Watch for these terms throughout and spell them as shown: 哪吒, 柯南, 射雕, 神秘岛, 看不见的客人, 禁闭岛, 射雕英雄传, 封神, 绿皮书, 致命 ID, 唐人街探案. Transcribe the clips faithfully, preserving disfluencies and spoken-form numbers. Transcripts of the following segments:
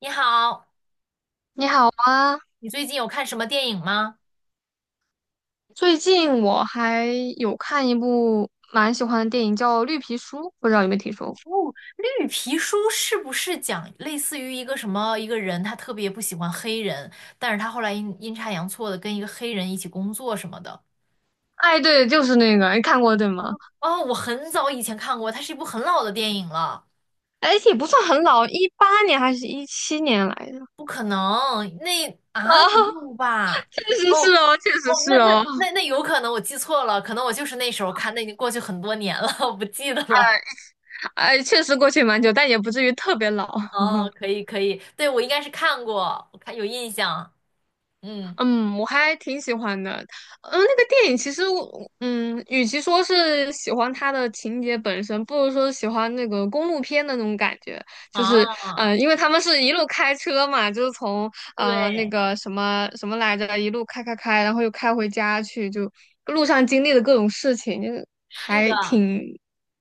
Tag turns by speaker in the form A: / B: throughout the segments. A: 你好，
B: 你好啊，
A: 你最近有看什么电影吗？
B: 最近我还有看一部蛮喜欢的电影，叫《绿皮书》，不知道有没有听说过？
A: 绿皮书是不是讲类似于一个什么一个人，他特别不喜欢黑人，但是他后来阴阴差阳错的跟一个黑人一起工作什么的？
B: 哎，对，就是那个，你看过对吗？
A: 哦，我很早以前看过，它是一部很老的电影了，
B: 哎，也不算很老，一八年还是一七年来的。
A: 不可能，那啊没
B: 啊，
A: 有吧？
B: 确实
A: 哦
B: 是哦，确实
A: 哦，
B: 是
A: 那那
B: 哦。
A: 那那有可能我记错了，可能我就是那时候看，那已经过去很多年了，我不记得了。
B: 哎哎，确实过去蛮久，但也不至于特别老。
A: 哦，可以可以，对，我应该是看过，我看有印象，嗯。
B: 嗯，我还挺喜欢的。嗯，那个电影其实我，嗯，与其说是喜欢它的情节本身，不如说是喜欢那个公路片的那种感觉。就是，
A: 啊，
B: 嗯、因为他们是一路开车嘛，就是从呃那
A: 对，
B: 个什么什么来着，一路开开开，然后又开回家去，就路上经历的各种事情，就是
A: 是
B: 还
A: 的，
B: 挺，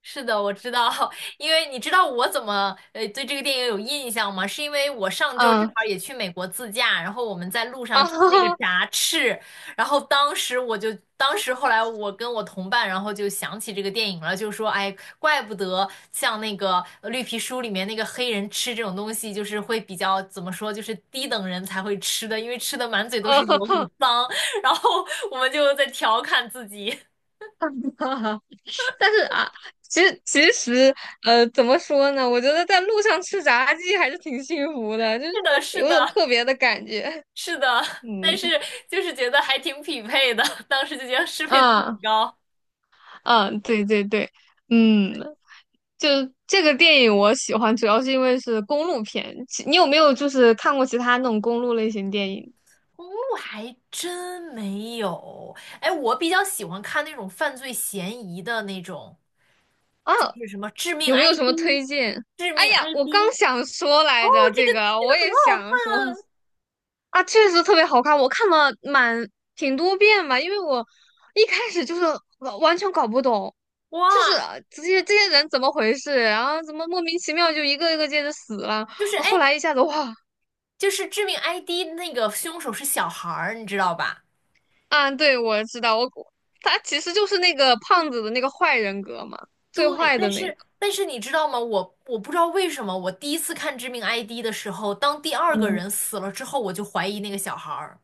A: 是的，我知道，因为你知道我怎么呃对这个电影有印象吗？是因为我上周正
B: 嗯，
A: 好也 去美国自驾，然后我们在路
B: 啊，
A: 上
B: 哈
A: 吃那个
B: 哈，
A: 炸翅，然后当时我就，当时后来我跟我同伴，然后就想起这个电影了，就说，哎，怪不得像那个呃绿皮书里面那个黑人吃这种东西，就是会比较怎么说，就是低等人才会吃的，因为吃的满嘴都是
B: 啊
A: 油，很
B: 哈
A: 脏。然后我们就在调侃自己，
B: 哈。但是啊，其实其实呃，怎么说呢？我觉得在路上吃炸鸡还是挺幸福的，就是
A: 是的，是
B: 有种
A: 的。
B: 特别的感觉。
A: 是的，
B: 嗯，
A: 但是就是觉得还挺匹配的，当时就觉得适配度很
B: 啊
A: 高。
B: 啊，对对对，嗯，就这个电影我喜欢，主要是因为是公路片。其你有没有就是看过其他那种公路类型电影
A: 公路还真没有，哎，我比较喜欢看那种犯罪嫌疑的那种，
B: 啊？
A: 就是什么致命
B: 有没有什么
A: I D、
B: 推荐？
A: 致
B: 哎
A: 命
B: 呀，我刚
A: I D，
B: 想说
A: 哦，
B: 来着，
A: 这个
B: 这个
A: 这个
B: 我
A: 很
B: 也
A: 好看
B: 想说。啊，确实特别好看，我看了蛮挺多遍吧，因为我一开始就是完完全搞不懂，就是
A: 哇，
B: 啊这些这些人怎么回事，然后怎么莫名其妙就一个一个接着死了，
A: 就是哎，
B: 后来一下子哇。
A: 就是致命 I D 那个凶手是小孩儿，你知道吧？
B: 啊，对，我知道，我他其实就是那个胖子的那个坏人格嘛，
A: 对，
B: 最坏
A: 但
B: 的那个。
A: 是但是你知道吗？我我不知道为什么，我第一次看《致命 I D》的时候，当第二个
B: 嗯，
A: 人死了之后，我就怀疑那个小孩儿。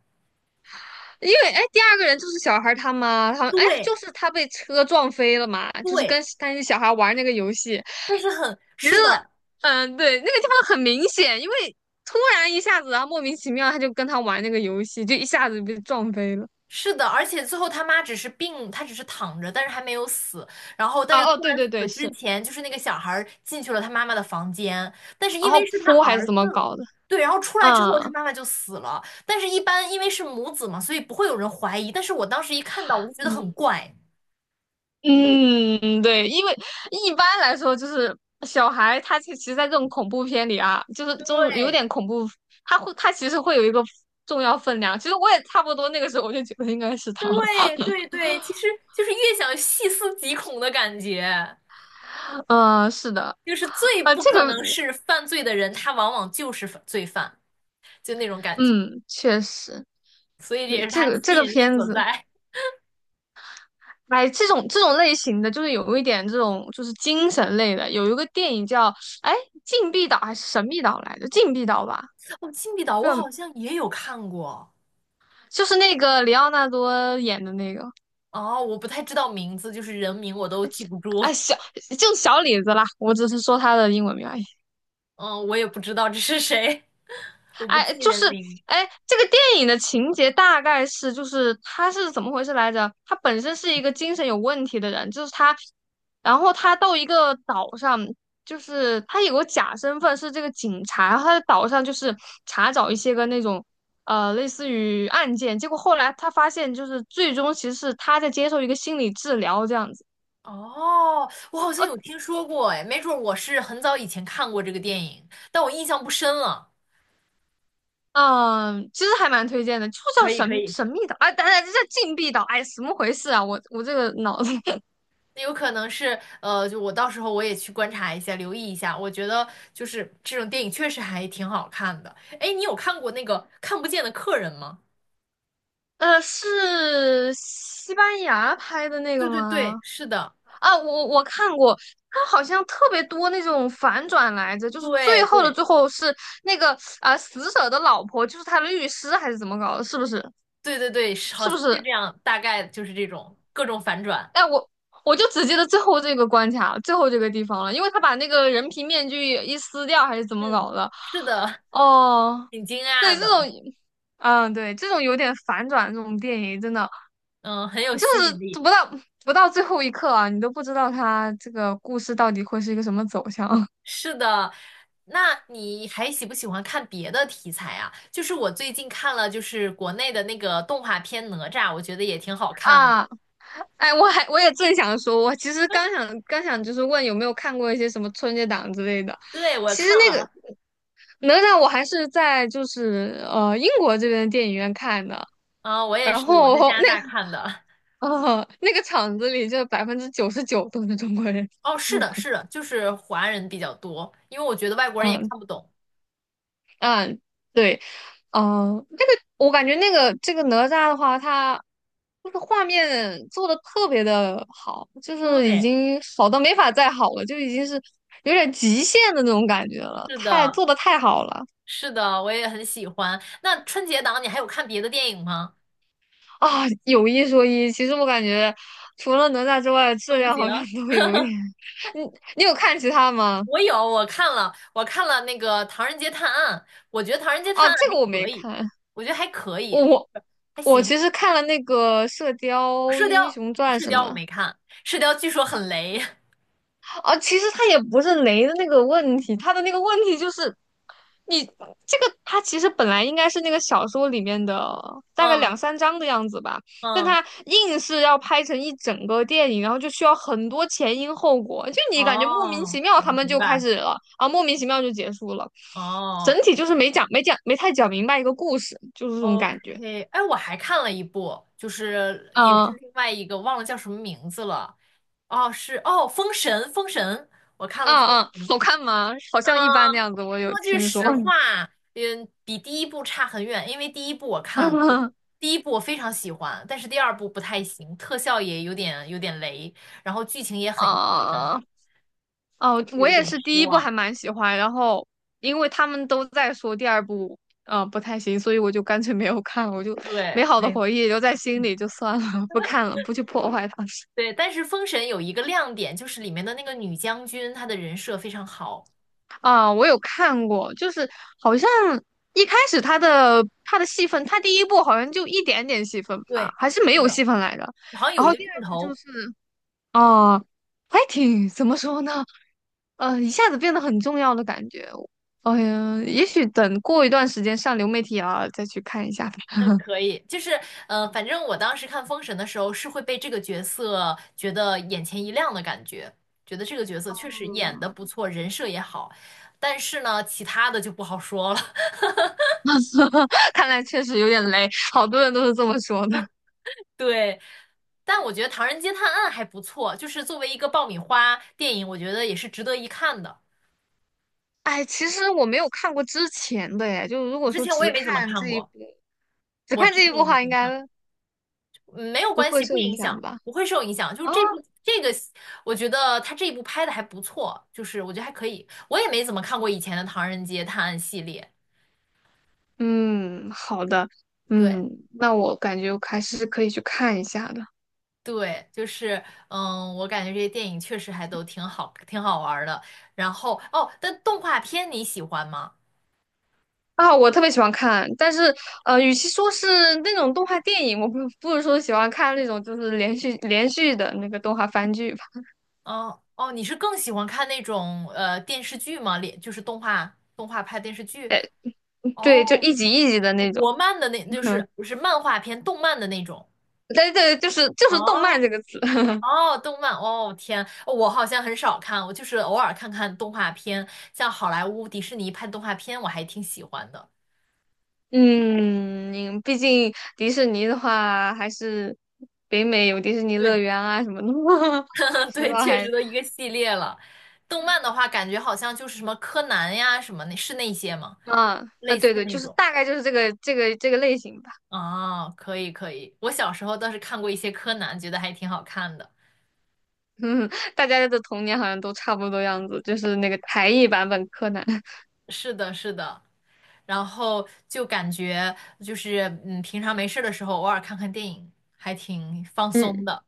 B: 因为哎，第二个人就是小孩他妈，他们哎，
A: 对
B: 就是他被车撞飞了嘛，就是
A: 对，
B: 跟那些小孩玩那个游戏。
A: 但是很，
B: 其实，
A: 是的，
B: 嗯，对，那个地方很明显，因为突然一下子，然后莫名其妙他就跟他玩那个游戏，就一下子被撞飞了。
A: 是的，而且最后他妈只是病，他只是躺着，但是还没有死。然后，但是
B: 啊，
A: 突
B: 哦，对
A: 然
B: 对对，
A: 死之
B: 是，
A: 前，就是那个小孩儿进去了他妈妈的房间，但是
B: 然
A: 因为
B: 后
A: 是他
B: 哭还是
A: 儿
B: 怎么
A: 子，
B: 搞的？
A: 对，然后出来之后他
B: 嗯
A: 妈妈就死了。但是，一般因为是母子嘛，所以不会有人怀疑。但是我当时一看到，我就觉得很
B: 嗯
A: 怪。
B: 嗯，对，因为一般来说就是小孩，他其实，在这种恐怖片里啊，就是这种有
A: 对，
B: 点恐怖，他会他其实会有一个重要分量。其实我也差不多那个时候，我就觉得应该是他了。
A: 对对对，其实就是越想细思极恐的感觉，
B: 嗯，是的。
A: 就是最
B: 啊，
A: 不
B: 这
A: 可能
B: 个，
A: 是犯罪的人，他往往就是犯罪犯，就那种感觉，
B: 嗯，确实，
A: 所以这
B: 对，
A: 也是
B: 这
A: 他
B: 个这
A: 吸
B: 个
A: 引力
B: 片
A: 所
B: 子。
A: 在。
B: 哎，这种这种类型的，就是有一点这种就是精神类的，有一个电影叫哎《禁闭岛》还是《神秘岛》来着，《禁闭岛》吧，
A: 哦，《禁闭岛》
B: 不知
A: 我好
B: 道
A: 像也有看过，
B: 就是那个里奥纳多演的那个，
A: 哦，我不太知道名字，就是人名我都记不住，
B: 哎小就是小李子啦，我只是说他的英文名而已。
A: 嗯，我也不知道这是谁，我不
B: 哎，
A: 记
B: 就是
A: 人名。
B: 哎，这个电影的情节大概是，就是他是怎么回事来着？他本身是一个精神有问题的人，就是他，然后他到一个岛上，就是他有个假身份是这个警察，然后他在岛上就是查找一些个那种呃类似于案件，结果后来他发现，就是最终其实是他在接受一个心理治疗这样子。
A: 哦，我好像
B: 呃
A: 有听说过，哎，没准儿我是很早以前看过这个电影，但我印象不深了。
B: 嗯，其实还蛮推荐的，就叫
A: 可以可
B: 神
A: 以。
B: 神秘岛，哎，等等，这叫禁闭岛，哎，什么回事啊？我我这个脑子
A: 那有可能是，呃，就我到时候我也去观察一下，留意一下。我觉得就是这种电影确实还挺好看的。哎，你有看过那个《看不见的客人》吗？
B: 呃，是西班牙拍的那个
A: 对对对，
B: 吗？
A: 是的，
B: 啊，我我看过，他好像特别多那种反转来着，就是
A: 对
B: 最后的
A: 对
B: 最后是那个啊、死者的老婆就是他的律师还是怎么搞的？是不是？
A: 对对对，是好
B: 是不
A: 像是
B: 是？
A: 这样，大概就是这种各种反转。
B: 哎，我我就只记得最后这个关卡，最后这个地方了，因为他把那个人皮面具一撕掉还是怎么
A: 嗯，
B: 搞的？
A: 是的，
B: 哦，
A: 挺惊
B: 对，
A: 讶
B: 这
A: 的，
B: 种，嗯，对，这种有点反转这种电影真的。
A: 嗯，很有
B: 就
A: 吸引
B: 是
A: 力。
B: 不到不到最后一刻啊，你都不知道他这个故事到底会是一个什么走向。
A: 是的，那你还喜不喜欢看别的题材啊？就是我最近看了，就是国内的那个动画片《哪吒》，我觉得也挺好看的。
B: 啊！哎，我还我也正想说，我其实刚想刚想就是问有没有看过一些什么春节档之类的。
A: 对，我
B: 其实
A: 看
B: 那个
A: 了，
B: 哪吒我还是在就是呃英国这边的电影院看的，
A: 嗯、我也
B: 然
A: 是，我
B: 后
A: 在加拿
B: 那个
A: 大看的。
B: 呃那个场子里就百分之九十九都是中国人。
A: 哦，是
B: 嗯
A: 的，是的，就是华人比较多，因为我觉得外国人也
B: 嗯
A: 看不懂。
B: 嗯，对。哦，这个我感觉那个这个哪吒的话，它就是画面做的特别的好，就是已
A: 对，
B: 经好到没法再好了，就已经是有点极限的那种感觉了，
A: 是
B: 太
A: 的，
B: 做的太好了。
A: 是的，我也很喜欢。那春节档你还有看别的电影吗？
B: 啊！有一说一，其实我感觉除了哪吒之外，质
A: 都不
B: 量
A: 行。
B: 好像都有一点。你你有看其他吗？
A: 我有，我看了，我看了那个《唐人街探案》，我觉得《唐人街探
B: 啊，
A: 案》
B: 这个我
A: 还可
B: 没
A: 以，
B: 看，
A: 我觉得还可
B: 我
A: 以，
B: 我
A: 还
B: 我
A: 行。
B: 其实看了那个《射雕
A: 射雕，
B: 英雄传》
A: 射
B: 什
A: 雕我
B: 么。
A: 没看，射雕据说很雷。
B: 啊，其实他也不是雷的那个问题，他的那个问题就是你这个，他其实本来应该是那个小说里面的大概两
A: 嗯
B: 三章的样子吧，但
A: 嗯，
B: 他硬是要拍成一整个电影，然后就需要很多前因后果，就你感觉莫名其
A: 哦，
B: 妙他们
A: 明
B: 就开
A: 白。
B: 始了啊，莫名其妙就结束了，整
A: 哦，
B: 体就是没讲没讲没太讲明白一个故事，就是这种感觉。
A: OK，哎，我还看了一部，就是也是
B: 啊
A: 另外一个，忘了叫什么名字了。哦，是哦，《封神》，《封神》，我看
B: 啊
A: 了《封
B: 啊，
A: 神》。
B: 好看吗？好像一般那
A: 嗯，
B: 样子，我有
A: 说句
B: 听说。
A: 实话，嗯，比第一部差很远，因为第一部我看了，我 第一部我非常喜欢，但是第二部不太行，特效也有点有点雷，然后剧情也很
B: 啊。哦，我
A: 有
B: 也
A: 点
B: 是
A: 失
B: 第一部还
A: 望。
B: 蛮喜欢，然后因为他们都在说第二部，嗯、不太行，所以我就干脆没有看了。我就
A: 对，
B: 美好的
A: 哎，
B: 回忆留在心里就算了，不看了，不去破坏它。
A: 对，但是《封神》有一个亮点，就是里面的那个女将军，她的人设非常好。
B: 啊，我有看过，就是好像一开始他的他的戏份，他第一部好像就一点点戏份吧，
A: 对，
B: 还是没
A: 是
B: 有
A: 的。
B: 戏份来着，
A: 好像
B: 然
A: 有一
B: 后
A: 个
B: 第
A: 镜
B: 二部就
A: 头
B: 是，啊，还挺怎么说呢？呃，一下子变得很重要的感觉。哎呀，也许等过一段时间上流媒体啊，再去看一下
A: 可以，就是呃，反正我当时看《封神》的时候是会被这个角色觉得眼前一亮的感觉，觉得这个角色确实
B: 嗯，
A: 演的不错，人设也好，但是呢，其他的就不好说了。
B: 看来确实有点雷，好多人都是这么说的。
A: 对，但我觉得《唐人街探案》还不错，就是作为一个爆米花电影，我觉得也是值得一看的。
B: 哎，其实我没有看过之前的耶，就如果
A: 之
B: 说
A: 前我
B: 只
A: 也没怎么
B: 看
A: 看
B: 这一部，
A: 过，
B: 只
A: 我
B: 看
A: 之
B: 这一
A: 前
B: 部
A: 也
B: 的
A: 没
B: 话，
A: 怎
B: 应
A: 么
B: 该
A: 看过嗯没有
B: 不
A: 关
B: 会
A: 系，不
B: 受影
A: 影
B: 响
A: 响，
B: 吧？
A: 不会受影响。就是
B: 啊，
A: 这部这个，我觉得他这一部拍的还不错，就是我觉得还可以。我也没怎么看过以前的《唐人街探案》系列，
B: 嗯，好的，
A: 对
B: 嗯，那我感觉我还是可以去看一下的。
A: 对，就是嗯，我感觉这些电影确实还都挺好，挺好玩儿的。然后哦，但动画片你喜欢吗？
B: 啊，我特别喜欢看，但是呃，与其说是那种动画电影，我不不如说喜欢看那种就是连续连续的那个动画番剧吧。
A: 嗯哦，你是更喜欢看那种呃电视剧吗？连就是动画动画拍电视剧
B: 哎，对，就
A: 哦，
B: 一集一集的那种。
A: 国漫的那就
B: 嗯，
A: 是不是漫画片，动漫的那种。
B: 对对，就是就
A: 哦
B: 是动漫这个词。
A: 哦，动漫哦，天，哦我好像很少看，我就是偶尔看看动画片，像好莱坞、迪士尼拍动画片，我还挺喜欢的。
B: 嗯，毕竟迪士尼的话，还是北美有迪士尼乐
A: 对，
B: 园啊什么的。说
A: 对，
B: 到
A: 确实
B: 还
A: 都一个系列了。动漫的话，感觉好像就是什么柯南呀，什么那是那些吗？
B: 啊啊，
A: 类似
B: 对对，
A: 那
B: 就是
A: 种。
B: 大概就是这个这个这个类型吧。
A: 啊，可以可以，我小时候倒是看过一些柯南，觉得还挺好看的。
B: 嗯，大家的童年好像都差不多样子，就是那个台译版本柯南。
A: 是的，是的。然后就感觉就是，嗯，平常没事儿的时候，偶尔看看电影，还挺放松
B: 嗯
A: 的。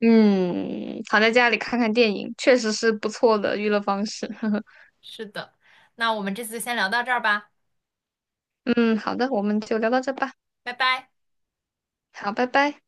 B: 嗯，躺在家里看看电影，确实是不错的娱乐方式。
A: 是的，那我们这次先聊到这儿吧，
B: 嗯，好的，我们就聊到这吧。
A: 拜拜。
B: 好，拜拜。